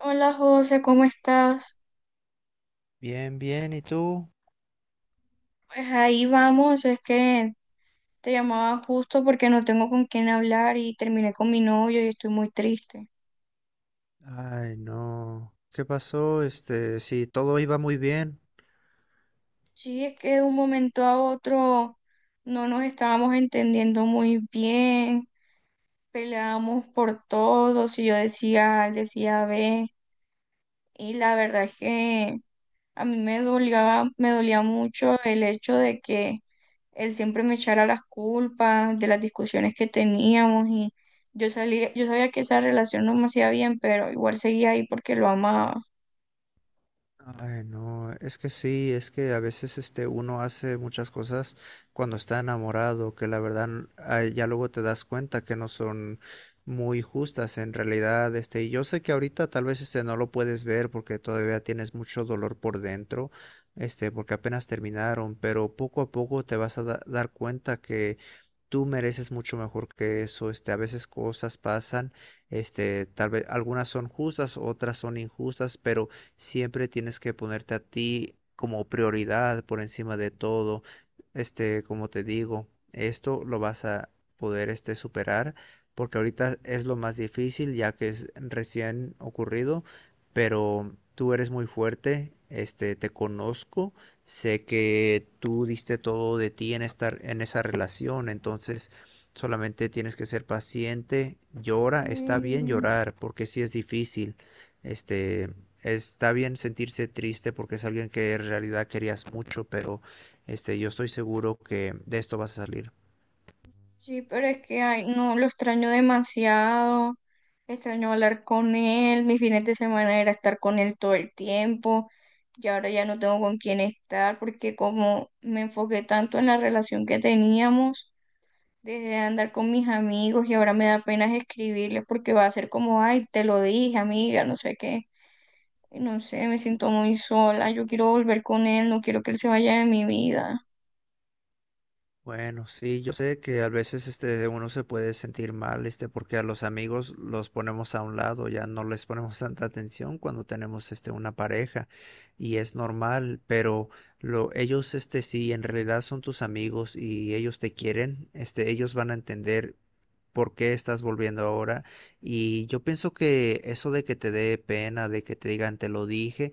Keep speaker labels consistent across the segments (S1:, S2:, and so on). S1: Hola José, ¿cómo estás?
S2: Bien, bien, ¿y tú?
S1: Pues ahí vamos, es que te llamaba justo porque no tengo con quién hablar y terminé con mi novio y estoy muy triste.
S2: Ay, no. ¿Qué pasó? Sí, todo iba muy bien.
S1: Sí, es que de un momento a otro no nos estábamos entendiendo muy bien, peleábamos por todo, si yo decía A, él decía B, y la verdad es que a mí me dolía mucho el hecho de que él siempre me echara las culpas de las discusiones que teníamos y yo salía, yo sabía que esa relación no me hacía bien, pero igual seguía ahí porque lo amaba.
S2: Ay, no, es que sí, es que a veces uno hace muchas cosas cuando está enamorado, que la verdad ay, ya luego te das cuenta que no son muy justas en realidad, y yo sé que ahorita tal vez no lo puedes ver porque todavía tienes mucho dolor por dentro, porque apenas terminaron, pero poco a poco te vas a dar cuenta que tú mereces mucho mejor que eso, a veces cosas pasan, tal vez algunas son justas, otras son injustas, pero siempre tienes que ponerte a ti como prioridad por encima de todo. Como te digo, esto lo vas a poder superar porque ahorita es lo más difícil ya que es recién ocurrido, pero tú eres muy fuerte, te conozco, sé que tú diste todo de ti en estar en esa relación, entonces solamente tienes que ser paciente, llora, está bien
S1: Mm,
S2: llorar porque sí es difícil. Este, Está bien sentirse triste porque es alguien que en realidad querías mucho, pero yo estoy seguro que de esto vas a salir.
S1: Sí, pero es que ay, no, lo extraño demasiado. Extraño hablar con él. Mis fines de semana era estar con él todo el tiempo. Y ahora ya no tengo con quién estar porque como me enfoqué tanto en la relación que teníamos dejé de andar con mis amigos y ahora me da pena escribirles porque va a ser como, ay, te lo dije, amiga, no sé qué. Y no sé, me siento muy sola, yo quiero volver con él, no quiero que él se vaya de mi vida.
S2: Bueno, sí, yo sé que a veces uno se puede sentir mal, porque a los amigos los ponemos a un lado, ya no les ponemos tanta atención cuando tenemos una pareja y es normal, pero lo ellos si en realidad son tus amigos y ellos te quieren, ellos van a entender por qué estás volviendo ahora y yo pienso que eso de que te dé pena, de que te digan te lo dije.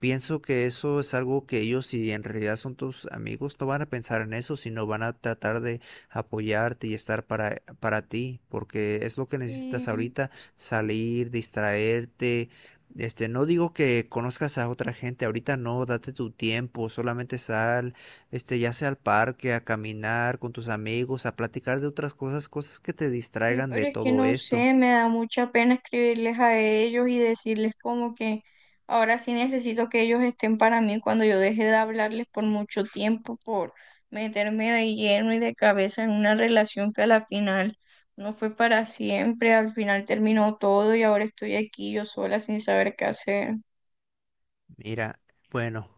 S2: Pienso que eso es algo que ellos, si en realidad son tus amigos, no van a pensar en eso, sino van a tratar de apoyarte y estar para ti, porque es lo que necesitas
S1: Sí.
S2: ahorita, salir, distraerte. No digo que conozcas a otra gente, ahorita no, date tu tiempo, solamente sal, ya sea al parque, a caminar con tus amigos, a platicar de otras cosas, cosas que te
S1: Sí,
S2: distraigan
S1: pero
S2: de
S1: es que
S2: todo
S1: no
S2: esto.
S1: sé, me da mucha pena escribirles a ellos y decirles como que ahora sí necesito que ellos estén para mí cuando yo deje de hablarles por mucho tiempo, por meterme de lleno y de cabeza en una relación que a la final no fue para siempre, al final terminó todo y ahora estoy aquí yo sola sin saber qué hacer
S2: Mira, bueno,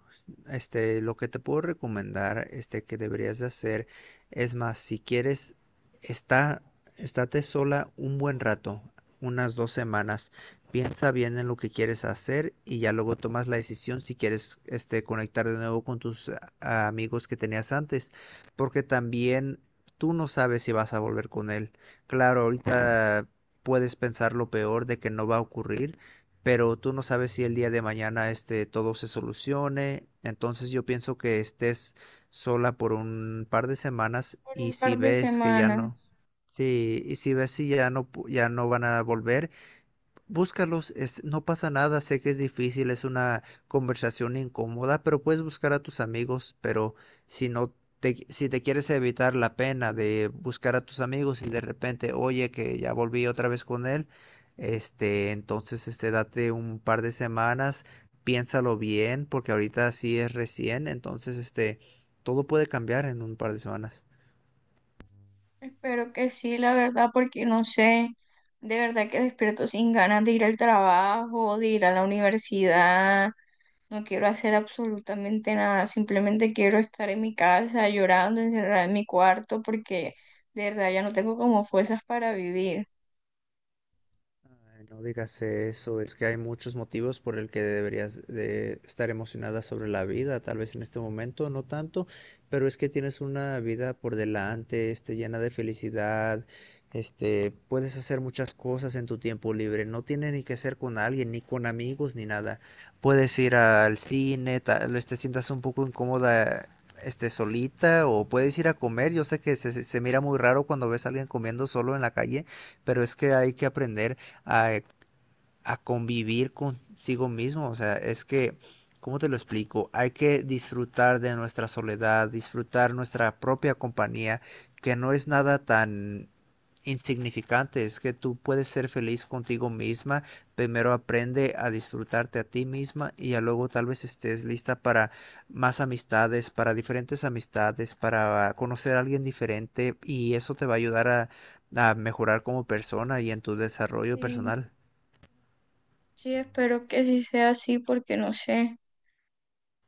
S2: lo que te puedo recomendar, que deberías de hacer, es más, si quieres, está, estate sola un buen rato, unas 2 semanas. Piensa bien en lo que quieres hacer y ya luego tomas la decisión si quieres, conectar de nuevo con tus amigos que tenías antes, porque también tú no sabes si vas a volver con él. Claro, ahorita puedes pensar lo peor de que no va a ocurrir, pero tú no sabes si el día de mañana todo se solucione. Entonces yo pienso que estés sola por un par de 2 semanas
S1: por
S2: y
S1: un
S2: si
S1: par de
S2: ves que ya
S1: semanas.
S2: no, sí, y si ves si ya no ya no van a volver, búscalos, no pasa nada, sé que es difícil, es una conversación incómoda, pero puedes buscar a tus amigos, pero si no si te quieres evitar la pena de buscar a tus amigos y de repente, oye, que ya volví otra vez con él, date un par de semanas, piénsalo bien, porque ahorita sí es recién, entonces, todo puede cambiar en un par de semanas.
S1: Espero que sí, la verdad, porque no sé. De verdad que despierto sin ganas de ir al trabajo, de ir a la universidad, no quiero hacer absolutamente nada, simplemente quiero estar en mi casa llorando, encerrada en mi cuarto, porque de verdad ya no tengo como fuerzas para vivir.
S2: Ay, no digas eso, es que hay muchos motivos por el que deberías de estar emocionada sobre la vida, tal vez en este momento no tanto, pero es que tienes una vida por delante, llena de felicidad, puedes hacer muchas cosas en tu tiempo libre, no tiene ni que ser con alguien, ni con amigos, ni nada. Puedes ir al cine, tal vez te sientas un poco incómoda, solita, o puedes ir a comer. Yo sé que se mira muy raro cuando ves a alguien comiendo solo en la calle, pero es que hay que aprender a, a convivir consigo mismo. O sea, es que, ¿cómo te lo explico? Hay que disfrutar de nuestra soledad, disfrutar nuestra propia compañía, que no es nada tan insignificante, es que tú puedes ser feliz contigo misma, primero aprende a disfrutarte a ti misma y ya luego tal vez estés lista para más amistades, para diferentes amistades, para conocer a alguien diferente y eso te va a ayudar a mejorar como persona y en tu desarrollo
S1: Y
S2: personal.
S1: sí, espero que sí sea así, porque no sé,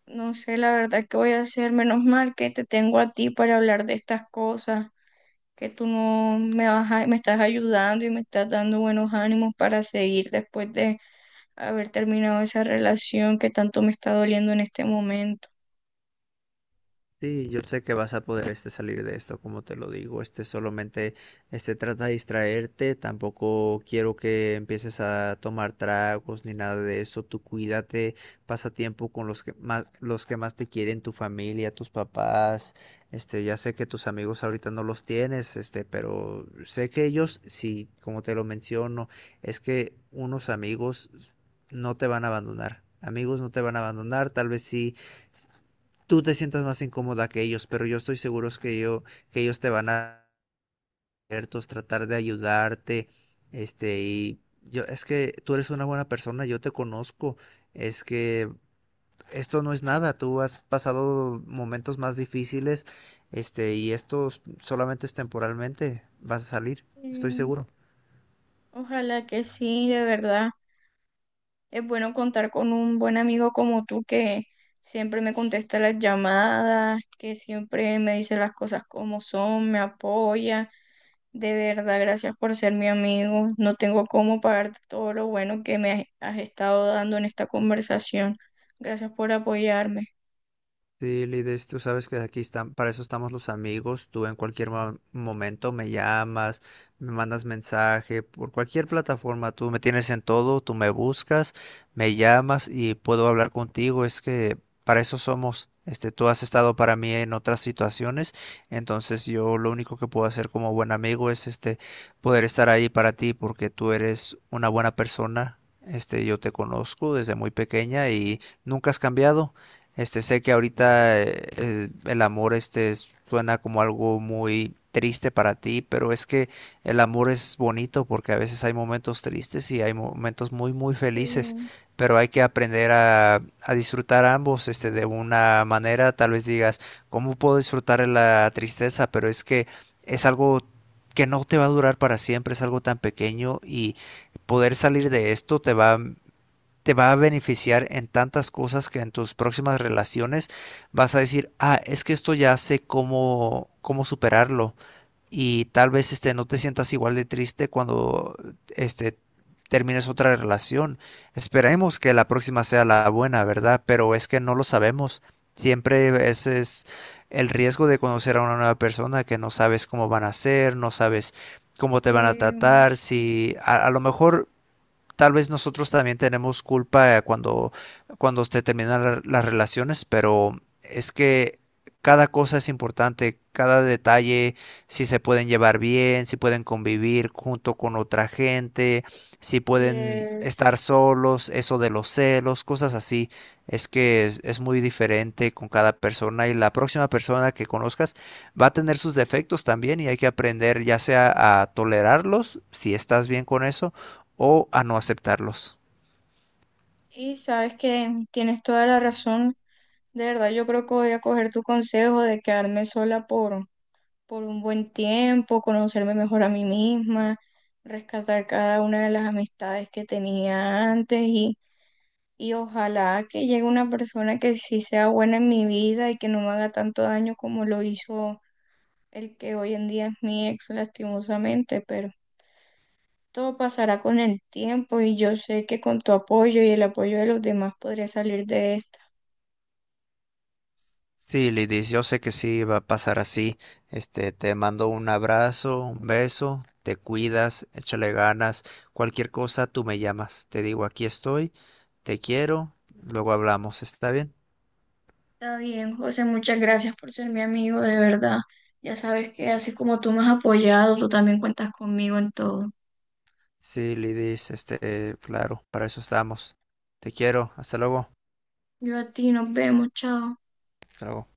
S1: no sé la verdad qué voy a hacer. Menos mal que te tengo a ti para hablar de estas cosas, que tú no me vas a- me estás ayudando y me estás dando buenos ánimos para seguir después de haber terminado esa relación que tanto me está doliendo en este momento.
S2: Sí, yo sé que vas a poder salir de esto, como te lo digo, solamente trata de distraerte, tampoco quiero que empieces a tomar tragos ni nada de eso, tú cuídate, pasa tiempo con los que más te quieren, tu familia, tus papás, ya sé que tus amigos ahorita no los tienes, pero sé que ellos sí, como te lo menciono, es que unos amigos no te van a abandonar. Amigos no te van a abandonar, tal vez sí tú te sientas más incómoda que ellos, pero yo estoy seguro es que yo, que ellos te van a abiertos, tratar de ayudarte, y yo, es que tú eres una buena persona, yo te conozco, es que esto no es nada, tú has pasado momentos más difíciles, y esto solamente es temporalmente, vas a salir, estoy
S1: Sí.
S2: seguro.
S1: Ojalá que sí, de verdad. Es bueno contar con un buen amigo como tú que siempre me contesta las llamadas, que siempre me dice las cosas como son, me apoya. De verdad, gracias por ser mi amigo. No tengo cómo pagarte todo lo bueno que me has estado dando en esta conversación. Gracias por apoyarme.
S2: Sí, Lides, tú sabes que aquí están, para eso estamos los amigos. Tú en cualquier momento me llamas, me mandas mensaje, por cualquier plataforma, tú me tienes en todo, tú me buscas, me llamas y puedo hablar contigo. Es que para eso somos. Tú has estado para mí en otras situaciones, entonces yo lo único que puedo hacer como buen amigo es poder estar ahí para ti porque tú eres una buena persona. Yo te conozco desde muy pequeña y nunca has cambiado. Sé que ahorita el amor suena como algo muy triste para ti, pero es que el amor es bonito porque a veces hay momentos tristes y hay momentos muy muy felices,
S1: Sí,
S2: pero hay que aprender a disfrutar ambos, de una manera, tal vez digas, ¿cómo puedo disfrutar de la tristeza? Pero es que es algo que no te va a durar para siempre, es algo tan pequeño y poder salir de esto te va a beneficiar en tantas cosas que en tus próximas relaciones vas a decir, ah, es que esto ya sé cómo superarlo. Y tal vez no te sientas igual de triste cuando este, termines otra relación. Esperemos que la próxima sea la buena, ¿verdad? Pero es que no lo sabemos. Siempre ese es el riesgo de conocer a una nueva persona que no sabes cómo van a ser, no sabes cómo te van a
S1: em,
S2: tratar, si a lo mejor tal vez nosotros también tenemos culpa cuando, se terminan las relaciones, pero es que cada cosa es importante, cada detalle, si se pueden llevar bien, si pueden convivir junto con otra gente, si
S1: y
S2: pueden
S1: es-
S2: estar solos, eso de los celos, cosas así. Es que es muy diferente con cada persona y la próxima persona que conozcas va a tener sus defectos también y hay que aprender ya sea a tolerarlos, si estás bien con eso, o a no aceptarlos.
S1: y sabes que tienes toda la razón. De verdad, yo creo que voy a coger tu consejo de quedarme sola por un buen tiempo, conocerme mejor a mí misma, rescatar cada una de las amistades que tenía antes y ojalá que llegue una persona que sí sea buena en mi vida y que no me haga tanto daño como lo hizo el que hoy en día es mi ex, lastimosamente, pero todo pasará con el tiempo y yo sé que con tu apoyo y el apoyo de los demás podré salir de.
S2: Sí, Lidis, yo sé que sí va a pasar así. Te mando un abrazo, un beso, te cuidas, échale ganas. Cualquier cosa, tú me llamas. Te digo, aquí estoy, te quiero, luego hablamos, ¿está bien?
S1: Está bien, José, muchas gracias por ser mi amigo, de verdad. Ya sabes que así como tú me has apoyado, tú también cuentas conmigo en todo.
S2: Sí, Lidis, claro, para eso estamos. Te quiero, hasta luego.
S1: Yo a ti, nos vemos, chao.
S2: Hasta luego.